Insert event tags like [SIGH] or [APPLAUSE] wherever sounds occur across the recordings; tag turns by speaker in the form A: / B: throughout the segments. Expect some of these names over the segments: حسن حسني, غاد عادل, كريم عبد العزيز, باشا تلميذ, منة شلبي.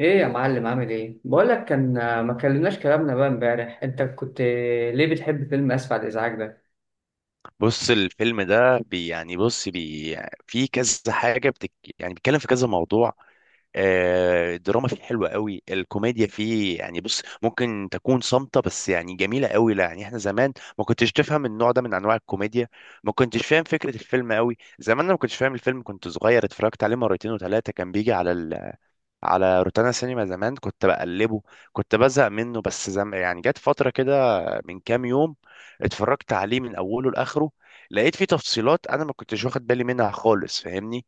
A: ايه يا معلم، عامل ايه؟ بقول لك كان ما كلمناش كلامنا بقى امبارح. انت كنت ليه بتحب فيلم اسف على الازعاج ده؟
B: بص، الفيلم ده يعني بص في كذا حاجة يعني بيتكلم في كذا موضوع. الدراما فيه حلوة قوي، الكوميديا فيه يعني بص ممكن تكون صامتة، بس يعني جميلة قوي. لا، يعني احنا زمان ما كنتش تفهم النوع ده من انواع الكوميديا. ما كنتش فاهم فكرة الفيلم قوي زمان. انا ما كنتش فاهم الفيلم، كنت صغير، اتفرجت عليه مرتين وثلاثة، كان بيجي على روتانا سينما. زمان كنت بقلبه، كنت بزهق منه. بس يعني جت فترة كده من كام يوم اتفرجت عليه من أوله لآخره، لقيت فيه تفصيلات أنا ما كنتش واخد بالي منها خالص. فاهمني؟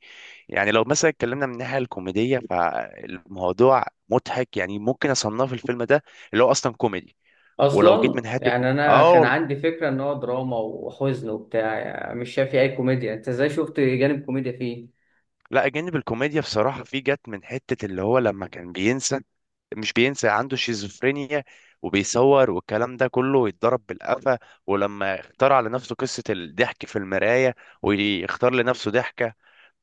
B: يعني لو مثلا اتكلمنا من الناحية الكوميدية فالموضوع مضحك، يعني ممكن أصنف الفيلم ده اللي هو أصلا كوميدي. ولو جيت
A: اصلا
B: من حتة،
A: يعني انا
B: اه
A: كان
B: وال-
A: عندي فكره ان هو دراما وحزن وبتاع، يعني مش شايف فيه اي كوميديا. انت ازاي شفت جانب كوميديا فيه؟
B: لا، جانب الكوميديا بصراحة في جت من حتة اللي هو لما كان بينسى، مش بينسى، عنده شيزوفرينيا، وبيصور والكلام ده كله يتضرب بالقفا. ولما اخترع لنفسه قصة الضحك في المراية ويختار لنفسه ضحكة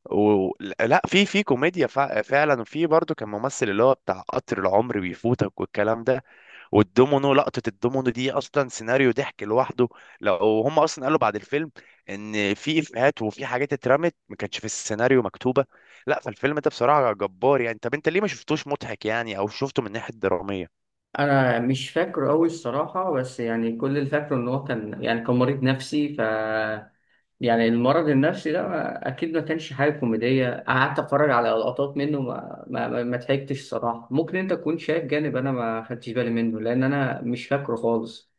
B: و... لا، في كوميديا فعلا. وفي برضه كان ممثل اللي هو بتاع قطر العمر بيفوتك والكلام ده، والدومينو، لقطة الدومينو دي أصلا سيناريو ضحك لوحده. لو هم أصلا قالوا بعد الفيلم إن في إفيهات وفي حاجات اترمت ما كانتش في السيناريو مكتوبة. لا، فالفيلم ده بصراحة جبار. يعني طب أنت ليه ما شفتوش مضحك؟ يعني أو شفته من ناحية درامية؟
A: انا مش فاكره قوي الصراحه، بس كل اللي فاكره ان هو كان كان مريض نفسي. ف المرض النفسي ده اكيد ما كانش حاجه كوميديه. قعدت اتفرج على لقطات منه ما ضحكتش الصراحه. ممكن انت تكون شايف جانب انا ما خدتش بالي منه لان انا مش فاكره خالص.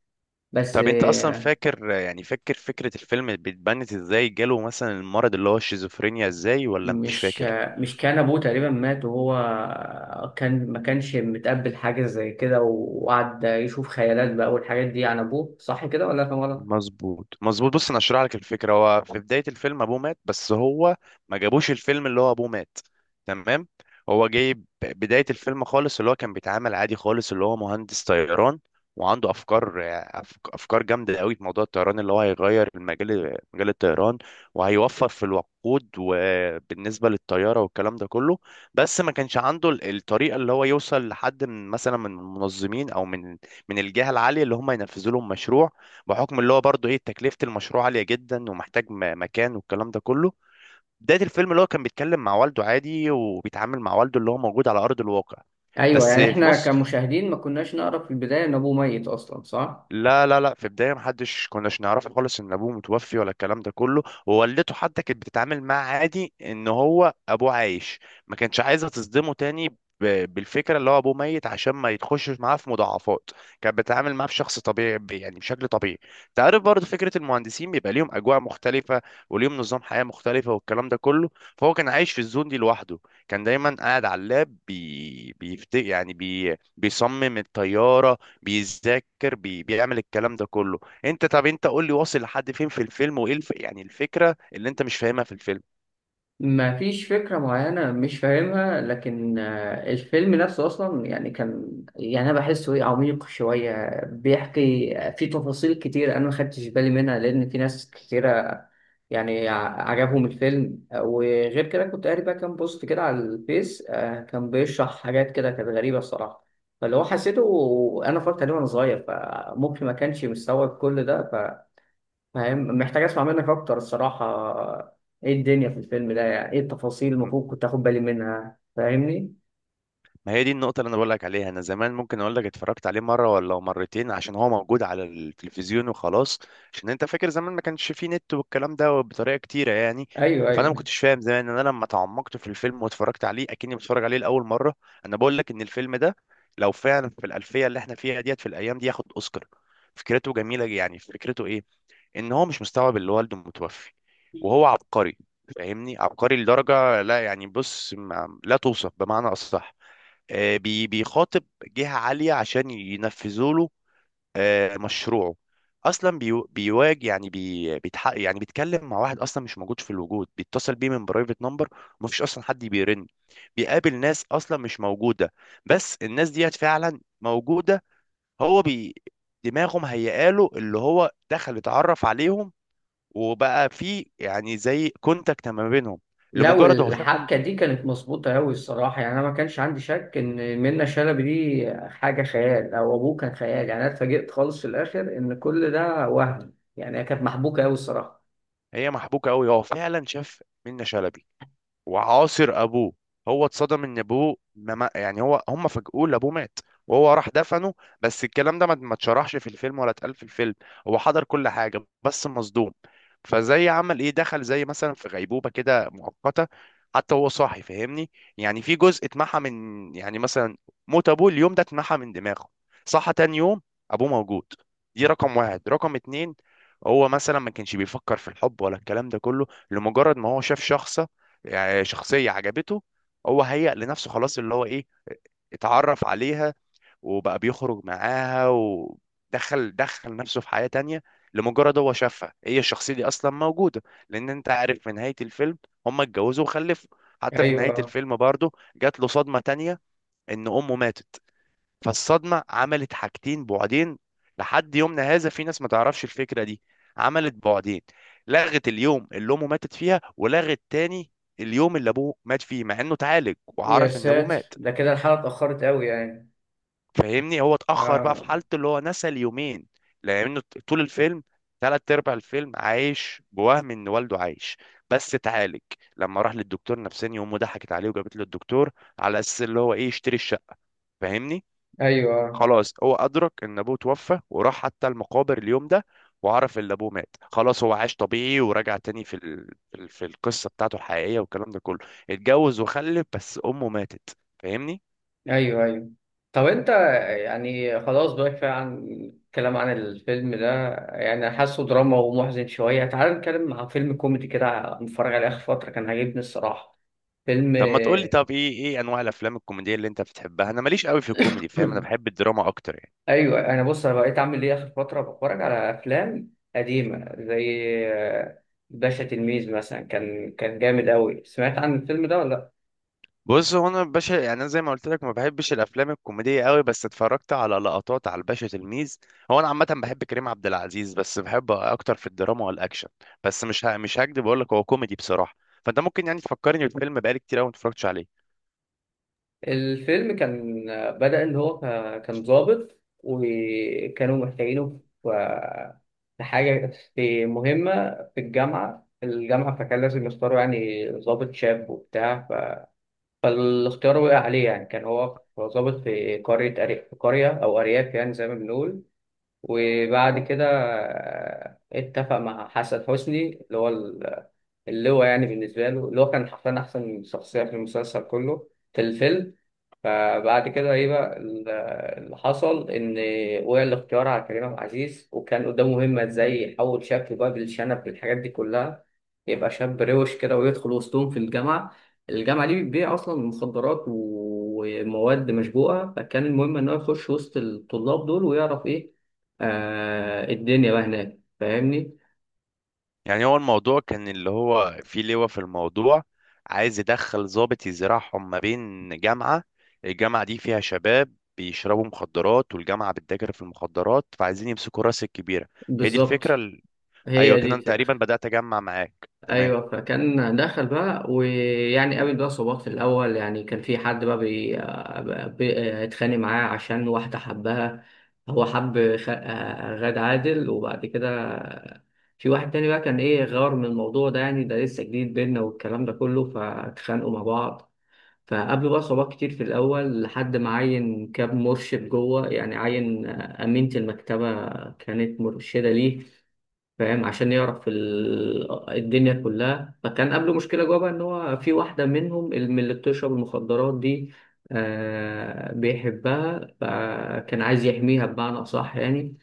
A: بس
B: طب أنت أصلا فاكر؟ يعني فاكر فكرة الفيلم بتبنت إزاي؟ جاله مثلا المرض اللي هو الشيزوفرينيا إزاي ولا مش
A: مش
B: فاكر؟
A: مش كان ابوه تقريبا مات وهو كان ما كانش متقبل حاجه زي كده، وقعد يشوف خيالات بقى والحاجات دي عن ابوه، صح كده ولا كان؟
B: مظبوط، مظبوط. بص، انا اشرح لك الفكره. هو في بدايه الفيلم ابوه مات، بس هو ما جابوش الفيلم اللي هو ابوه مات. تمام؟ هو جايب بدايه الفيلم خالص اللي هو كان بيتعامل عادي خالص، اللي هو مهندس طيران، وعنده افكار، افكار جامده قوي في موضوع الطيران، اللي هو هيغير المجال، مجال الطيران، وهيوفر في الوقود وبالنسبه للطياره والكلام ده كله. بس ما كانش عنده الطريقه اللي هو يوصل لحد، من مثلا من المنظمين او من الجهه العاليه اللي هم ينفذوا لهم مشروع، بحكم اللي هو برضه ايه تكلفة المشروع عالية جدا، ومحتاج مكان والكلام ده كله. بداية الفيلم اللي هو كان بيتكلم مع والده عادي، وبيتعامل مع والده اللي هو موجود على أرض الواقع.
A: ايوه،
B: بس
A: يعني
B: في
A: احنا
B: نص
A: كمشاهدين ما كناش نعرف في البدايه ان ابوه ميت اصلا، صح؟
B: لا لا لا، في البدايه كناش نعرف خالص ان ابوه متوفي ولا الكلام ده كله، ووالدته حتى كانت بتتعامل معاه عادي ان هو ابوه عايش. ما كانتش عايزه تصدمه تاني بالفكره اللي هو ابوه ميت، عشان ما يتخشش معاه في مضاعفات. كانت بتتعامل معاه بشخص طبيعي، يعني بشكل طبيعي. تعرف برضه فكره المهندسين بيبقى ليهم اجواء مختلفه، وليهم نظام حياه مختلفه والكلام ده كله. فهو كان عايش في الزون دي لوحده، كان دايما قاعد على اللاب، بي... بيفت... يعني بي... بيصمم الطياره، بيذاكر، بيعمل الكلام ده كله. طب انت قول لي واصل لحد فين في الفيلم؟ وايه الفكره اللي انت مش فاهمها في الفيلم؟
A: ما فيش فكره معينه مش فاهمها، لكن الفيلم نفسه اصلا كان، يعني انا بحسه ايه، عميق شويه، بيحكي في تفاصيل كتير انا ما خدتش بالي منها. لان في ناس كتيره يعني عجبهم الفيلم، وغير كده كنت قاري بقى كام بوست كده على الفيس كان بيشرح حاجات كده كانت غريبه الصراحه. فاللي هو حسيته، انا اتفرجت عليه وانا صغير، فممكن ما كانش مستوعب كل ده. فاهم؟ محتاج اسمع منك اكتر الصراحه. ايه الدنيا في الفيلم ده؟ يعني ايه التفاصيل المفروض
B: م-
A: كنت اخد بالي منها؟ فاهمني.
B: ما هي دي النقطه اللي انا بقول لك عليها. انا زمان ممكن اقول لك اتفرجت عليه مره ولا مرتين، عشان هو موجود على التلفزيون وخلاص. عشان انت فاكر زمان ما كانش فيه نت والكلام ده بطريقه كتيره يعني.
A: ايوه،
B: فانا ما
A: ايوه.
B: كنتش فاهم زمان. انا لما تعمقت في الفيلم واتفرجت عليه اكني بتفرج عليه لاول مره، انا بقول لك ان الفيلم ده لو فعلا في الالفيه اللي احنا فيها ديت، في الايام دي، ياخد اوسكار. فكرته جميله، يعني فكرته ايه؟ ان هو مش مستوعب اللي والده متوفي، وهو عبقري. فاهمني؟ عبقري لدرجة لا، يعني بص، ما لا توصف بمعنى أصح. بيخاطب جهة عالية عشان ينفذوا له مشروعه. اصلا بيواجه، يعني بيتحق، يعني بيتكلم مع واحد اصلا مش موجود في الوجود، بيتصل بيه من برايفت نمبر، ومفيش اصلا حد بيرن. بيقابل ناس اصلا مش موجوده، بس الناس ديت فعلا موجوده. هو دماغه مهيئاله اللي هو دخل اتعرف عليهم، وبقى في يعني زي كونتاكت ما بينهم.
A: لو
B: لمجرد هو شافهم،
A: الحبكه دي كانت مظبوطه قوي الصراحه، يعني انا ما كانش عندي شك ان منة شلبي دي حاجه خيال او ابوه كان خيال. يعني انا اتفاجئت خالص في الاخر ان كل ده وهم. يعني هي كانت محبوكه قوي الصراحه.
B: هي محبوكه قوي، هو فعلا شاف منة شلبي وعاصر ابوه. هو اتصدم ان ابوه ما ما- يعني هو هم فاجئوه ان ابوه مات، وهو راح دفنه. بس الكلام ده ما اتشرحش في الفيلم ولا اتقال في الفيلم. هو حضر كل حاجه بس مصدوم، فزي عمل ايه، دخل زي مثلا في غيبوبه كده مؤقته. حتى هو صاحي، فاهمني؟ يعني في جزء اتمحى من، يعني مثلا، موت ابوه اليوم ده اتمحى من دماغه. صحى تاني يوم، ابوه موجود. دي رقم واحد. رقم اتنين، هو مثلا ما كانش بيفكر في الحب ولا الكلام ده كله، لمجرد ما هو شاف شخص، يعني شخصية عجبته، هو هيأ لنفسه خلاص اللي هو ايه، اتعرف عليها، وبقى بيخرج معاها، ودخل نفسه في حياة تانية. لمجرد هو شافها، هي الشخصية دي أصلا موجودة. لأن أنت عارف في نهاية الفيلم هما اتجوزوا وخلفوا. حتى في نهاية
A: ايوه.
B: الفيلم برضه جات له صدمة تانية، إن أمه ماتت. فالصدمة عملت حاجتين بعدين، لحد يومنا هذا في ناس ما تعرفش الفكرة دي. عملت بعدين، لغت اليوم اللي أمه ماتت فيها، ولغت تاني اليوم اللي أبوه مات فيه، مع إنه اتعالج
A: يا
B: وعرف إن أبوه
A: ساتر،
B: مات.
A: ده كده الحلقه اتاخرت قوي يعني.
B: فاهمني؟ هو اتأخر بقى
A: اه.
B: في حالته، اللي هو نسى اليومين. لأنه طول الفيلم، تلات أرباع الفيلم، عايش بوهم إن والده عايش، بس اتعالج لما راح للدكتور نفساني. أمه ضحكت عليه وجابت له الدكتور على أساس اللي هو إيه يشتري الشقة، فاهمني؟
A: ايوه،
B: خلاص هو أدرك إن أبوه توفى، وراح حتى المقابر اليوم ده، وعرف إن أبوه مات. خلاص هو عاش طبيعي ورجع تاني في في القصة بتاعته الحقيقية والكلام ده كله. اتجوز وخلف، بس أمه ماتت. فاهمني؟
A: ايوه، ايوه. طب انت، يعني خلاص بقى كفايه عن الكلام عن الفيلم ده، يعني حاسه دراما ومحزن شويه. تعال نتكلم عن فيلم كوميدي كده متفرج عليه اخر فتره كان عاجبني الصراحه. فيلم
B: طب ما تقول لي،
A: [COUGHS]
B: طب إيه أنواع الأفلام الكوميدية اللي أنت بتحبها؟ أنا ماليش قوي في الكوميدي، فاهم؟ أنا
A: [CLEARS THROAT]
B: بحب الدراما أكتر يعني.
A: ايوه، انا بص انا بقيت اعمل ايه، اخر فتره بتفرج على افلام قديمه زي آه، باشا تلميذ مثلا. كان جامد قوي. سمعت عن الفيلم ده ولا؟
B: بص، هو انا باشا، يعني انا زي ما قلت لك ما بحبش الافلام الكوميديه قوي، بس اتفرجت على لقطات على الباشا تلميذ. هو انا عامه بحب كريم عبد العزيز، بس بحب اكتر في الدراما والاكشن، بس مش مش هكدب اقول لك هو كوميدي بصراحه. فانت ممكن يعني تفكرني بالفيلم بقالي كتير قوي ما اتفرجتش عليه.
A: الفيلم كان بدأ إن هو كان ضابط وكانوا محتاجينه في في حاجة، في مهمة في الجامعة. فكان لازم يختاروا يعني ضابط شاب وبتاع. فالاختيار وقع عليه. يعني كان هو ضابط في قرية في قرية أو أرياف يعني، زي ما بنقول. وبعد كده اتفق مع حسن حسني اللي هو اللي هو يعني بالنسبة له اللي هو كان حرفيا أحسن شخصية في المسلسل كله، في الفيلم. فبعد كده ايه بقى اللي حصل، ان وقع الاختيار على كريم عبد العزيز، وكان قدامه مهمه ازاي يحول شكله بقى بالشنب بالحاجات دي كلها، يبقى شاب روش كده ويدخل وسطهم في الجامعه. الجامعه دي بتبيع اصلا مخدرات ومواد مشبوهه، فكان المهم ان هو يخش وسط الطلاب دول ويعرف ايه الدنيا بقى هناك. فاهمني؟
B: يعني هو الموضوع كان اللي هو في لواء في الموضوع عايز يدخل ضابط يزرعهم ما بين جامعه. الجامعه دي فيها شباب بيشربوا مخدرات، والجامعه بتتاجر في المخدرات، فعايزين يمسكوا راس الكبيره. هي دي
A: بالظبط،
B: الفكرة. ايوه
A: هي دي
B: كده، انا
A: الفكره.
B: تقريبا بدات اجمع معاك تمام.
A: ايوه، فكان دخل بقى ويعني قابل بقى صعوبات في الاول. يعني كان في حد بقى اتخانق معاه عشان واحده حبها. هو حب غاد عادل. وبعد كده في واحد تاني بقى كان ايه، غار من الموضوع ده، يعني ده لسه جديد بينا والكلام ده كله، فاتخانقوا مع بعض. فقابلوا بقى صعوبات كتير في الاول لحد ما عين كاب مرشد جوه، يعني عين امينه المكتبه كانت مرشده ليه. فاهم؟ عشان يعرف الدنيا كلها. فكان قبله مشكلة جوه بقى ان هو في واحدة منهم من اللي بتشرب المخدرات دي بيحبها، فكان عايز يحميها بمعنى أصح يعني.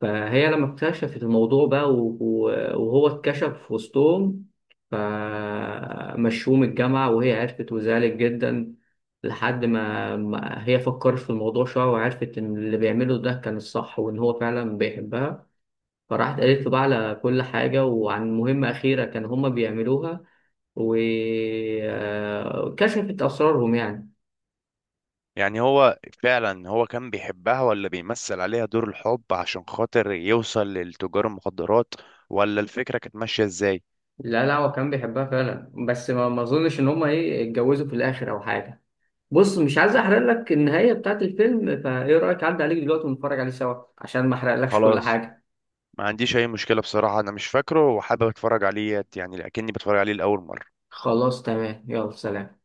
A: فهي لما اكتشفت الموضوع بقى وهو اتكشف في وسطهم، فمشوه من الجامعة. وهي عرفت وزعلت جدا، لحد ما هي فكرت في الموضوع شوية، وعرفت إن اللي بيعمله ده كان الصح وإن هو فعلا بيحبها. فراحت قالت له بقى على كل حاجة وعن مهمة أخيرة كان هما بيعملوها، وكشفت أسرارهم يعني.
B: يعني هو فعلا كان بيحبها ولا بيمثل عليها دور الحب عشان خاطر يوصل لتجار المخدرات؟ ولا الفكره كانت ماشيه ازاي؟
A: لا لا، هو كان بيحبها فعلا، بس ما أظنش إن هما إيه اتجوزوا في الآخر أو حاجة. بص، مش عايز أحرق لك النهاية بتاعت الفيلم، فإيه رأيك أعدي عليك دلوقتي ونتفرج عليه سوا عشان ما أحرقلكش كل
B: خلاص،
A: حاجة.
B: ما عنديش اي مشكله بصراحه، انا مش فاكره وحابب اتفرج عليه يعني، لكني بتفرج عليه لاول مره.
A: خلاص، تمام، يلا سلام.